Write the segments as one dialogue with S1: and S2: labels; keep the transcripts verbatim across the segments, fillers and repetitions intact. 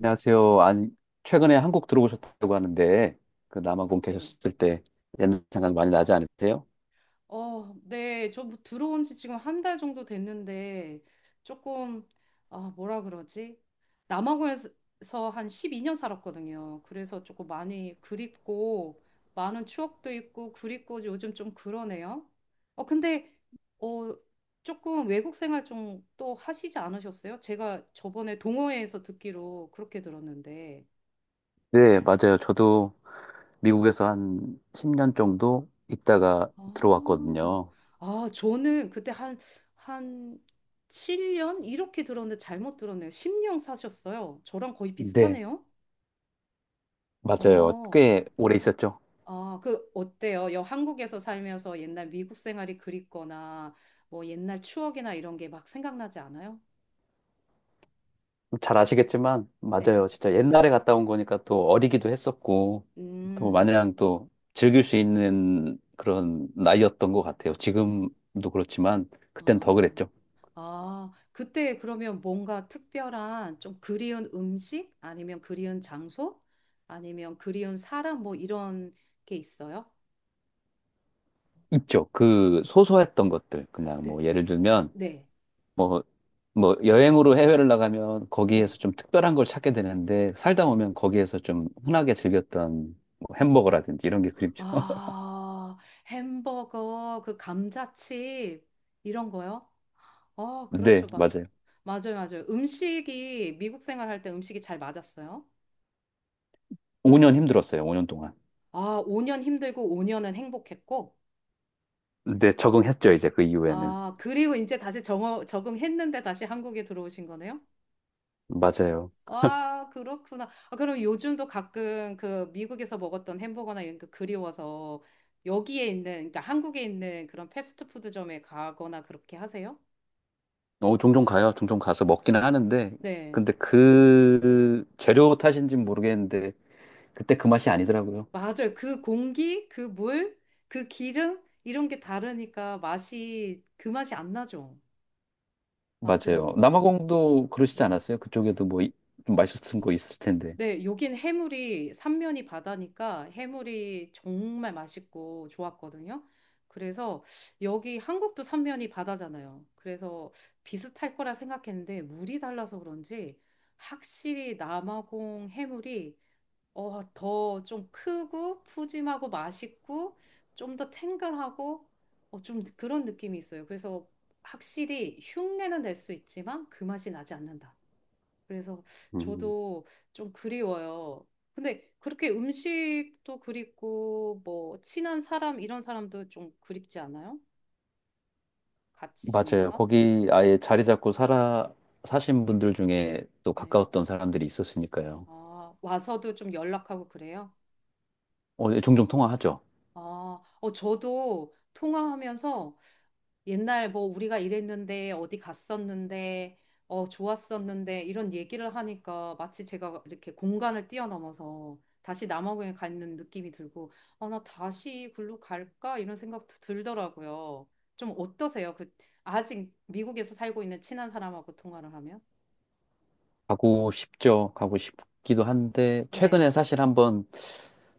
S1: 안녕하세요. 아니, 최근에 한국 들어오셨다고 하는데, 그 남아공
S2: 네.
S1: 계셨을 때 옛날 생각 많이 나지 않으세요?
S2: 어, 네. 저뭐 들어온 지 지금 한 달 정도 됐는데 조금 아, 뭐라 그러지? 남아공에서 한 십이 년 살았거든요. 그래서 조금 많이 그립고 많은 추억도 있고 그립고 요즘 좀 그러네요. 어, 근데 어, 조금 외국 생활 좀 또 하시지 않으셨어요? 제가 저번에 동호회에서 듣기로 그렇게 들었는데.
S1: 네, 맞아요. 저도 미국에서 한 십 년 정도 있다가
S2: 아,
S1: 들어왔거든요.
S2: 아, 저는 그때 한, 한 칠 년? 이렇게 들었는데 잘못 들었네요. 십 년 사셨어요. 저랑 거의
S1: 네,
S2: 비슷하네요.
S1: 맞아요.
S2: 어,
S1: 꽤 오래 있었죠.
S2: 아, 그, 어때요? 여, 한국에서 살면서 옛날 미국 생활이 그립거나, 뭐 옛날 추억이나 이런 게 막 생각나지 않아요?
S1: 잘 아시겠지만,
S2: 네.
S1: 맞아요. 진짜 옛날에 갔다 온 거니까 또 어리기도 했었고, 또
S2: 음,
S1: 마냥 또 즐길 수 있는 그런 나이였던 것 같아요. 지금도 그렇지만, 그땐 더
S2: 아,
S1: 그랬죠.
S2: 아, 그때 그러면 뭔가 특별한 좀 그리운 음식? 아니면 그리운 장소? 아니면 그리운 사람? 뭐 이런 게 있어요?
S1: 있죠.
S2: 네,
S1: 그 소소했던 것들. 그냥
S2: 네,
S1: 뭐 예를
S2: 어,
S1: 들면
S2: 네,
S1: 뭐 뭐 여행으로 해외를 나가면
S2: 네,
S1: 거기에서 좀 특별한 걸 찾게 되는데 살다
S2: 네.
S1: 보면 거기에서 좀 흔하게 즐겼던 뭐 햄버거라든지 이런 게 그립죠.
S2: 아, 햄버거, 그 감자칩, 이런 거요? 어,
S1: 네,
S2: 그렇죠. 마,
S1: 맞아요.
S2: 맞아요, 맞아요. 음식이, 미국 생활할 때 음식이 잘 맞았어요.
S1: 오 년 힘들었어요. 오 년 동안.
S2: 아, 오 년 힘들고 오 년은 행복했고,
S1: 네, 적응했죠. 이제 그 이후에는.
S2: 아, 그리고 이제 다시 정 적응했는데 다시 한국에 들어오신 거네요?
S1: 맞아요.
S2: 와, 그렇구나. 아, 그럼 요즘도 가끔 그 미국에서 먹었던 햄버거나 이런 거 그리워서 여기에 있는, 그러니까 한국에 있는 그런 패스트푸드점에 가거나 그렇게 하세요?
S1: 어, 종종 가요. 종종 가서 먹기는 하는데
S2: 네.
S1: 근데 그 재료 탓인지는 모르겠는데 그때 그 맛이 아니더라고요.
S2: 맞아요. 그 공기, 그 물, 그 기름, 이런 게 다르니까 맛이, 그 맛이 안 나죠. 맞아요.
S1: 맞아요. 남아공도 그러시지
S2: 네.
S1: 않았어요? 그쪽에도 뭐 좀 맛있었던 거 있을 텐데.
S2: 네, 여긴 해물이 삼면이 바다니까 해물이 정말 맛있고 좋았거든요. 그래서 여기 한국도 삼면이 바다잖아요. 그래서 비슷할 거라 생각했는데 물이 달라서 그런지 확실히 남아공 해물이 어, 더 좀 크고 푸짐하고 맛있고 좀 더 탱글하고 어, 좀 그런 느낌이 있어요. 그래서 확실히 흉내는 낼 수 있지만 그 맛이 나지 않는다. 그래서
S1: 음,
S2: 저도 좀 그리워요. 근데 그렇게 음식도 그립고 뭐 친한 사람 이런 사람도 좀 그립지 않아요? 같이
S1: 맞아요.
S2: 지냈다?
S1: 거기 아예 자리 잡고 살아 사신 분들 중에 또
S2: 네.
S1: 가까웠던 사람들이 있었으니까요.
S2: 아, 와서도 좀 연락하고 그래요?
S1: 어, 예, 종종 통화하죠.
S2: 아, 어, 저도 통화하면서 옛날 뭐 우리가 이랬는데 어디 갔었는데 어 좋았었는데 이런 얘기를 하니까 마치 제가 이렇게 공간을 뛰어넘어서 다시 남아공에 가 있는 느낌이 들고 아 나 다시 글로 갈까 이런 생각도 들더라고요. 좀 어떠세요? 그 아직 미국에서 살고 있는 친한 사람하고 통화를 하면?
S1: 가고 싶죠. 가고 싶기도 한데
S2: 네.
S1: 최근에 사실 한번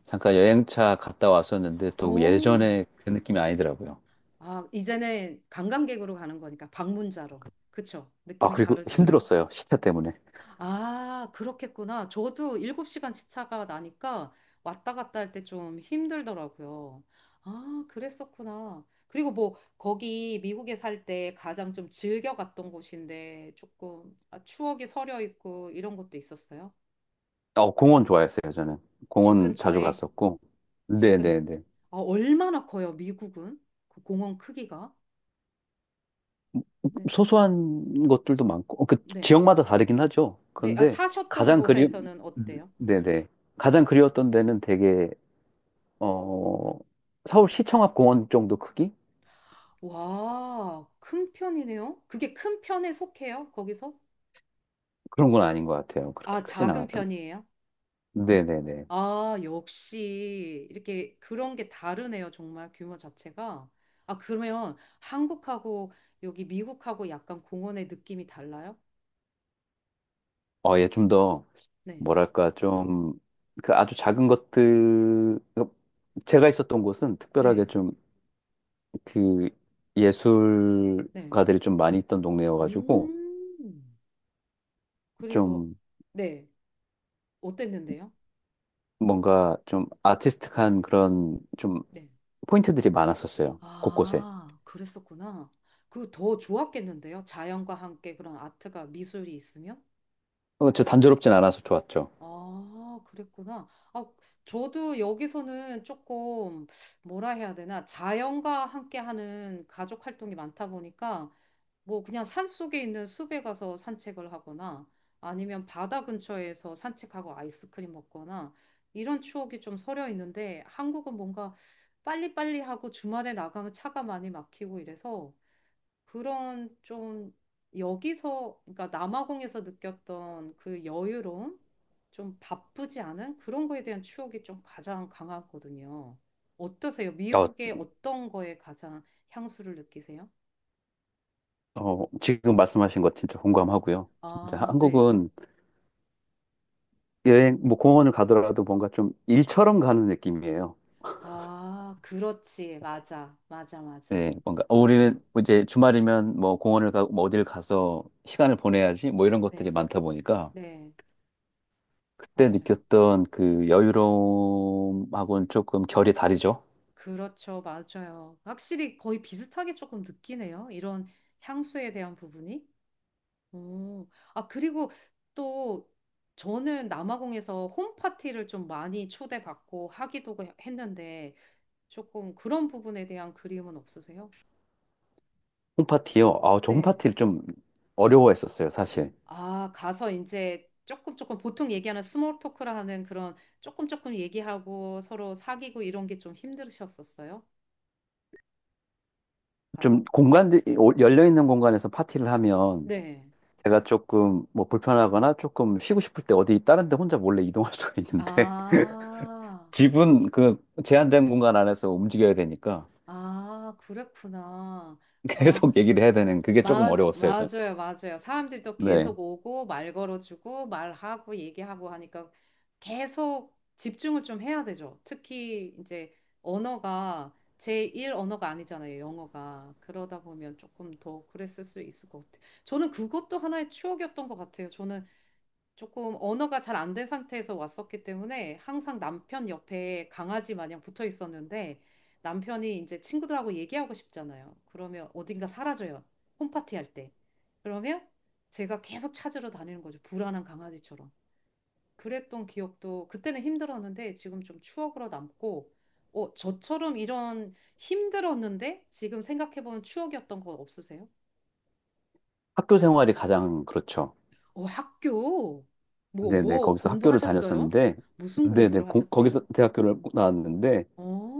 S1: 잠깐 여행차 갔다 왔었는데 또
S2: 오.
S1: 예전에 그 느낌이 아니더라고요.
S2: 아, 이제는 관광객으로 가는 거니까 방문자로. 그쵸?
S1: 아,
S2: 느낌이
S1: 그리고
S2: 다르죠?
S1: 힘들었어요. 시차 때문에.
S2: 아, 그렇겠구나. 저도 일곱 시간 시차가 나니까 왔다 갔다 할 때 좀 힘들더라고요. 아, 그랬었구나. 그리고 뭐, 거기 미국에 살 때 가장 좀 즐겨 갔던 곳인데 조금 아, 추억이 서려 있고 이런 것도 있었어요?
S1: 어, 공원 좋아했어요, 저는.
S2: 집
S1: 공원 자주
S2: 근처에?
S1: 갔었고.
S2: 집 근,
S1: 네네네.
S2: 아, 얼마나 커요, 미국은? 그 공원 크기가? 네.
S1: 소소한 것들도 많고, 어, 그
S2: 네.
S1: 지역마다 다르긴 하죠.
S2: 네. 아,
S1: 그런데
S2: 사셨던
S1: 가장 그리,
S2: 곳에서는
S1: 음.
S2: 어때요?
S1: 네네. 가장 그리웠던 데는 되게, 어, 서울 시청 앞 공원 정도 크기?
S2: 와, 큰 편이네요. 그게 큰 편에 속해요, 거기서?
S1: 그런 건 아닌 것 같아요. 그렇게
S2: 아,
S1: 크진
S2: 작은
S1: 않았던.
S2: 편이에요?
S1: 네네네.
S2: 아, 역시 이렇게 그런 게 다르네요. 정말 규모 자체가. 아, 그러면 한국하고 여기 미국하고 약간 공원의 느낌이 달라요?
S1: 어, 예, 좀 더,
S2: 네.
S1: 뭐랄까, 좀, 그 아주 작은 것들, 그 제가 있었던 곳은 특별하게
S2: 네.
S1: 좀, 그,
S2: 네.
S1: 예술가들이 좀 많이 있던 동네여가지고,
S2: 음. 그래서
S1: 좀
S2: 네. 어땠는데요?
S1: 뭔가 좀 아티스틱한 그런 좀
S2: 네.
S1: 포인트들이 많았었어요. 곳곳에.
S2: 아, 그랬었구나. 그 더 좋았겠는데요? 자연과 함께 그런 아트가 미술이 있으면?
S1: 어, 저 단조롭진 않아서 좋았죠.
S2: 아, 그랬구나. 아, 저도 여기서는 조금 뭐라 해야 되나 자연과 함께 하는 가족 활동이 많다 보니까 뭐 그냥 산 속에 있는 숲에 가서 산책을 하거나 아니면 바다 근처에서 산책하고 아이스크림 먹거나 이런 추억이 좀 서려 있는데 한국은 뭔가 빨리빨리 하고 주말에 나가면 차가 많이 막히고 이래서 그런 좀 여기서, 그러니까 남아공에서 느꼈던 그 여유로움, 좀 바쁘지 않은 그런 거에 대한 추억이 좀 가장 강하거든요. 어떠세요?
S1: 어,
S2: 미국의 어떤 거에 가장 향수를 느끼세요?
S1: 어, 지금 말씀하신 것 진짜 공감하고요. 진짜
S2: 아, 네.
S1: 한국은 여행, 뭐 공원을 가더라도 뭔가 좀 일처럼 가는 느낌이에요.
S2: 아, 그렇지. 맞아. 맞아, 맞아.
S1: 네, 뭔가 어, 우리는
S2: 맞아요.
S1: 뭐 이제 주말이면 뭐 공원을 가고 뭐 어딜 가서 시간을 보내야지 뭐 이런 것들이
S2: 네.
S1: 많다 보니까
S2: 네.
S1: 그때
S2: 맞아요.
S1: 느꼈던 그 여유로움하고는 조금 결이 다르죠.
S2: 그렇죠. 맞아요. 확실히 거의 비슷하게 조금 느끼네요. 이런 향수에 대한 부분이. 오, 아, 그리고 또 저는 남아공에서 홈파티를 좀 많이 초대받고 하기도 했는데 조금 그런 부분에 대한 그리움은 없으세요?
S1: 홈파티요. 아, 저
S2: 네.
S1: 홈파티를 좀 어려워했었어요, 사실.
S2: 아, 가서 이제 조금 조금 보통 얘기하는 스몰 토크라 하는 그런 조금 조금 얘기하고 서로 사귀고 이런 게 좀 힘드셨었어요? 가서?
S1: 좀 공간들이 열려 있는 공간에서 파티를 하면
S2: 네.
S1: 제가 조금 뭐 불편하거나 조금 쉬고 싶을 때 어디 다른 데 혼자 몰래 이동할 수가 있는데
S2: 아,
S1: 집은 그 제한된 공간 안에서 움직여야 되니까
S2: 아, 그랬구나. 아,
S1: 계속 얘기를 해야 되는 그게 조금
S2: 맞,
S1: 어려웠어요, 저는.
S2: 맞아요, 맞아요. 사람들이 또
S1: 네.
S2: 계속 오고, 말 걸어주고, 말하고, 얘기하고 하니까 계속 집중을 좀 해야 되죠. 특히 이제 언어가 제일 언어가 아니잖아요, 영어가. 그러다 보면 조금 더 그랬을 수 있을 것 같아요. 저는 그것도 하나의 추억이었던 것 같아요. 저는 조금 언어가 잘 안 된 상태에서 왔었기 때문에 항상 남편 옆에 강아지 마냥 붙어 있었는데 남편이 이제 친구들하고 얘기하고 싶잖아요. 그러면 어딘가 사라져요. 홈파티 할 때. 그러면 제가 계속 찾으러 다니는 거죠. 불안한 강아지처럼. 그랬던 기억도 그때는 힘들었는데 지금 좀 추억으로 남고 어, 저처럼 이런 힘들었는데 지금 생각해보면 추억이었던 거 없으세요?
S1: 학교 생활이 가장 그렇죠.
S2: 어, 학교 뭐,
S1: 네네.
S2: 뭐
S1: 거기서 학교를
S2: 공부하셨어요?
S1: 다녔었는데
S2: 무슨
S1: 네네.
S2: 공부를
S1: 고-
S2: 하셨대요?
S1: 거기서 대학교를 나왔는데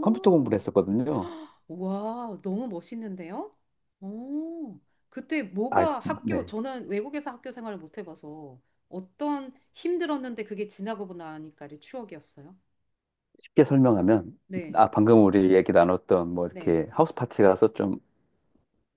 S1: 컴퓨터 공부를 했었거든요.
S2: 와, 너무 멋있는데요? 오, 그때
S1: 아이고,
S2: 뭐가 학교,
S1: 네.
S2: 저는 외국에서 학교 생활을 못 해봐서 어떤 힘들었는데 그게 지나고 나니까의 추억이었어요.
S1: 쉽게 설명하면,
S2: 네,
S1: 아, 방금 우리 얘기 나눴던, 뭐,
S2: 네,
S1: 이렇게 하우스 파티 가서 좀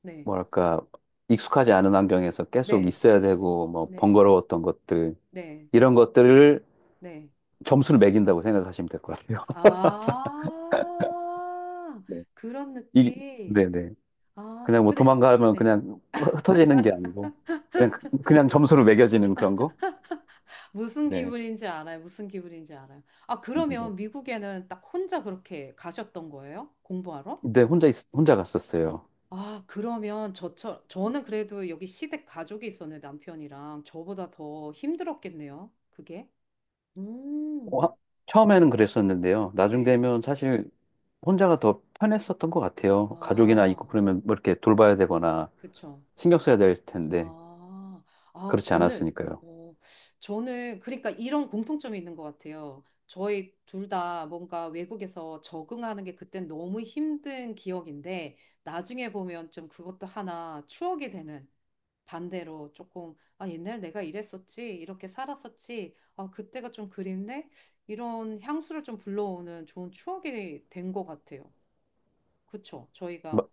S2: 네,
S1: 뭐랄까, 익숙하지 않은 환경에서 계속
S2: 네,
S1: 있어야 되고, 뭐,
S2: 네,
S1: 번거로웠던 것들,
S2: 네,
S1: 이런 것들을
S2: 네.
S1: 점수를 매긴다고 생각하시면 될 것 같아요.
S2: 아,
S1: 네.
S2: 그런
S1: 이,
S2: 느낌.
S1: 네네.
S2: 아,
S1: 그냥 뭐
S2: 근데,
S1: 도망가면
S2: 네.
S1: 그냥 흩어지는 게 아니고, 그냥, 그냥 점수로 매겨지는 그런 거?
S2: 무슨
S1: 네.
S2: 기분인지 알아요. 무슨 기분인지 알아요. 아,
S1: 네.
S2: 그러면 미국에는 딱 혼자 그렇게 가셨던 거예요? 공부하러?
S1: 근데 혼자, 있, 혼자 갔었어요.
S2: 아, 그러면 저처럼, 저는 그래도 여기 시댁 가족이 있었는데 남편이랑 저보다 더 힘들었겠네요. 그게?
S1: 어,
S2: 음,
S1: 하- 처음에는 그랬었는데요. 나중
S2: 네.
S1: 되면 사실 혼자가 더 편했었던 것 같아요. 가족이나
S2: 아,
S1: 있고 그러면 뭐 이렇게 돌봐야 되거나
S2: 그쵸.
S1: 신경 써야 될 텐데,
S2: 아, 아,
S1: 그렇지
S2: 저는,
S1: 않았으니까요.
S2: 어, 저는, 그러니까 이런 공통점이 있는 것 같아요. 저희 둘 다 뭔가 외국에서 적응하는 게 그땐 너무 힘든 기억인데, 나중에 보면 좀 그것도 하나 추억이 되는 반대로 조금, 아, 옛날 내가 이랬었지, 이렇게 살았었지, 아, 그때가 좀 그립네? 이런 향수를 좀 불러오는 좋은 추억이 된 것 같아요. 그쵸?
S1: 마-
S2: 저희가,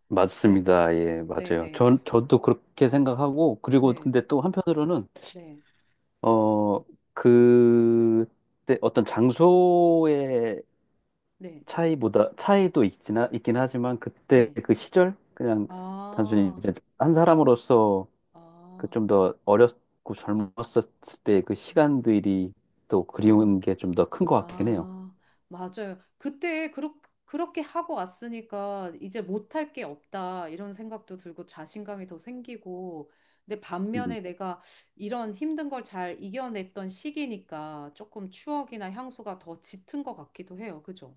S2: 네,
S1: 맞습니다. 예,
S2: 네,
S1: 맞아요.
S2: 네,
S1: 전, 저도 그렇게 생각하고, 그리고
S2: 네,
S1: 근데 또 한편으로는,
S2: 네,
S1: 어, 그때 어떤 장소의
S2: 네,
S1: 차이보다, 차이도 있긴, 하, 있긴 하지만, 그때
S2: 네.
S1: 그 시절? 그냥 단순히
S2: 아,
S1: 이제 한 사람으로서 그
S2: 아,
S1: 좀 더 어렸고 젊었을 때 그 시간들이 또
S2: 아.
S1: 그리운 게 좀 더 큰 것 같긴 해요.
S2: 아, 맞아요. 그때 그렇, 그렇게 하고 왔으니까 이제 못할 게 없다 이런 생각도 들고 자신감이 더 생기고 근데
S1: 음,
S2: 반면에 내가 이런 힘든 걸 잘 이겨냈던 시기니까 조금 추억이나 향수가 더 짙은 것 같기도 해요. 그죠?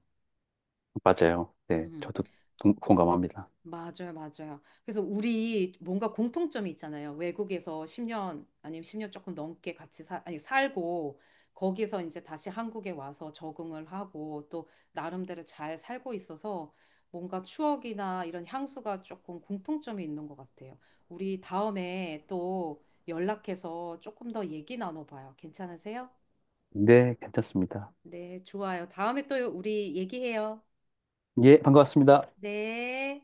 S1: 맞아요. 네,
S2: 음.
S1: 저도 동- 공감합니다.
S2: 맞아요, 맞아요. 그래서 우리 뭔가 공통점이 있잖아요. 외국에서 십 년 아니면 십 년 조금 넘게 같이 사, 아니, 살고 거기서 이제 다시 한국에 와서 적응을 하고 또 나름대로 잘 살고 있어서 뭔가 추억이나 이런 향수가 조금 공통점이 있는 것 같아요. 우리 다음에 또 연락해서 조금 더 얘기 나눠봐요. 괜찮으세요?
S1: 네, 괜찮습니다.
S2: 네, 좋아요. 다음에 또 우리 얘기해요.
S1: 예, 반가웠습니다.
S2: 네.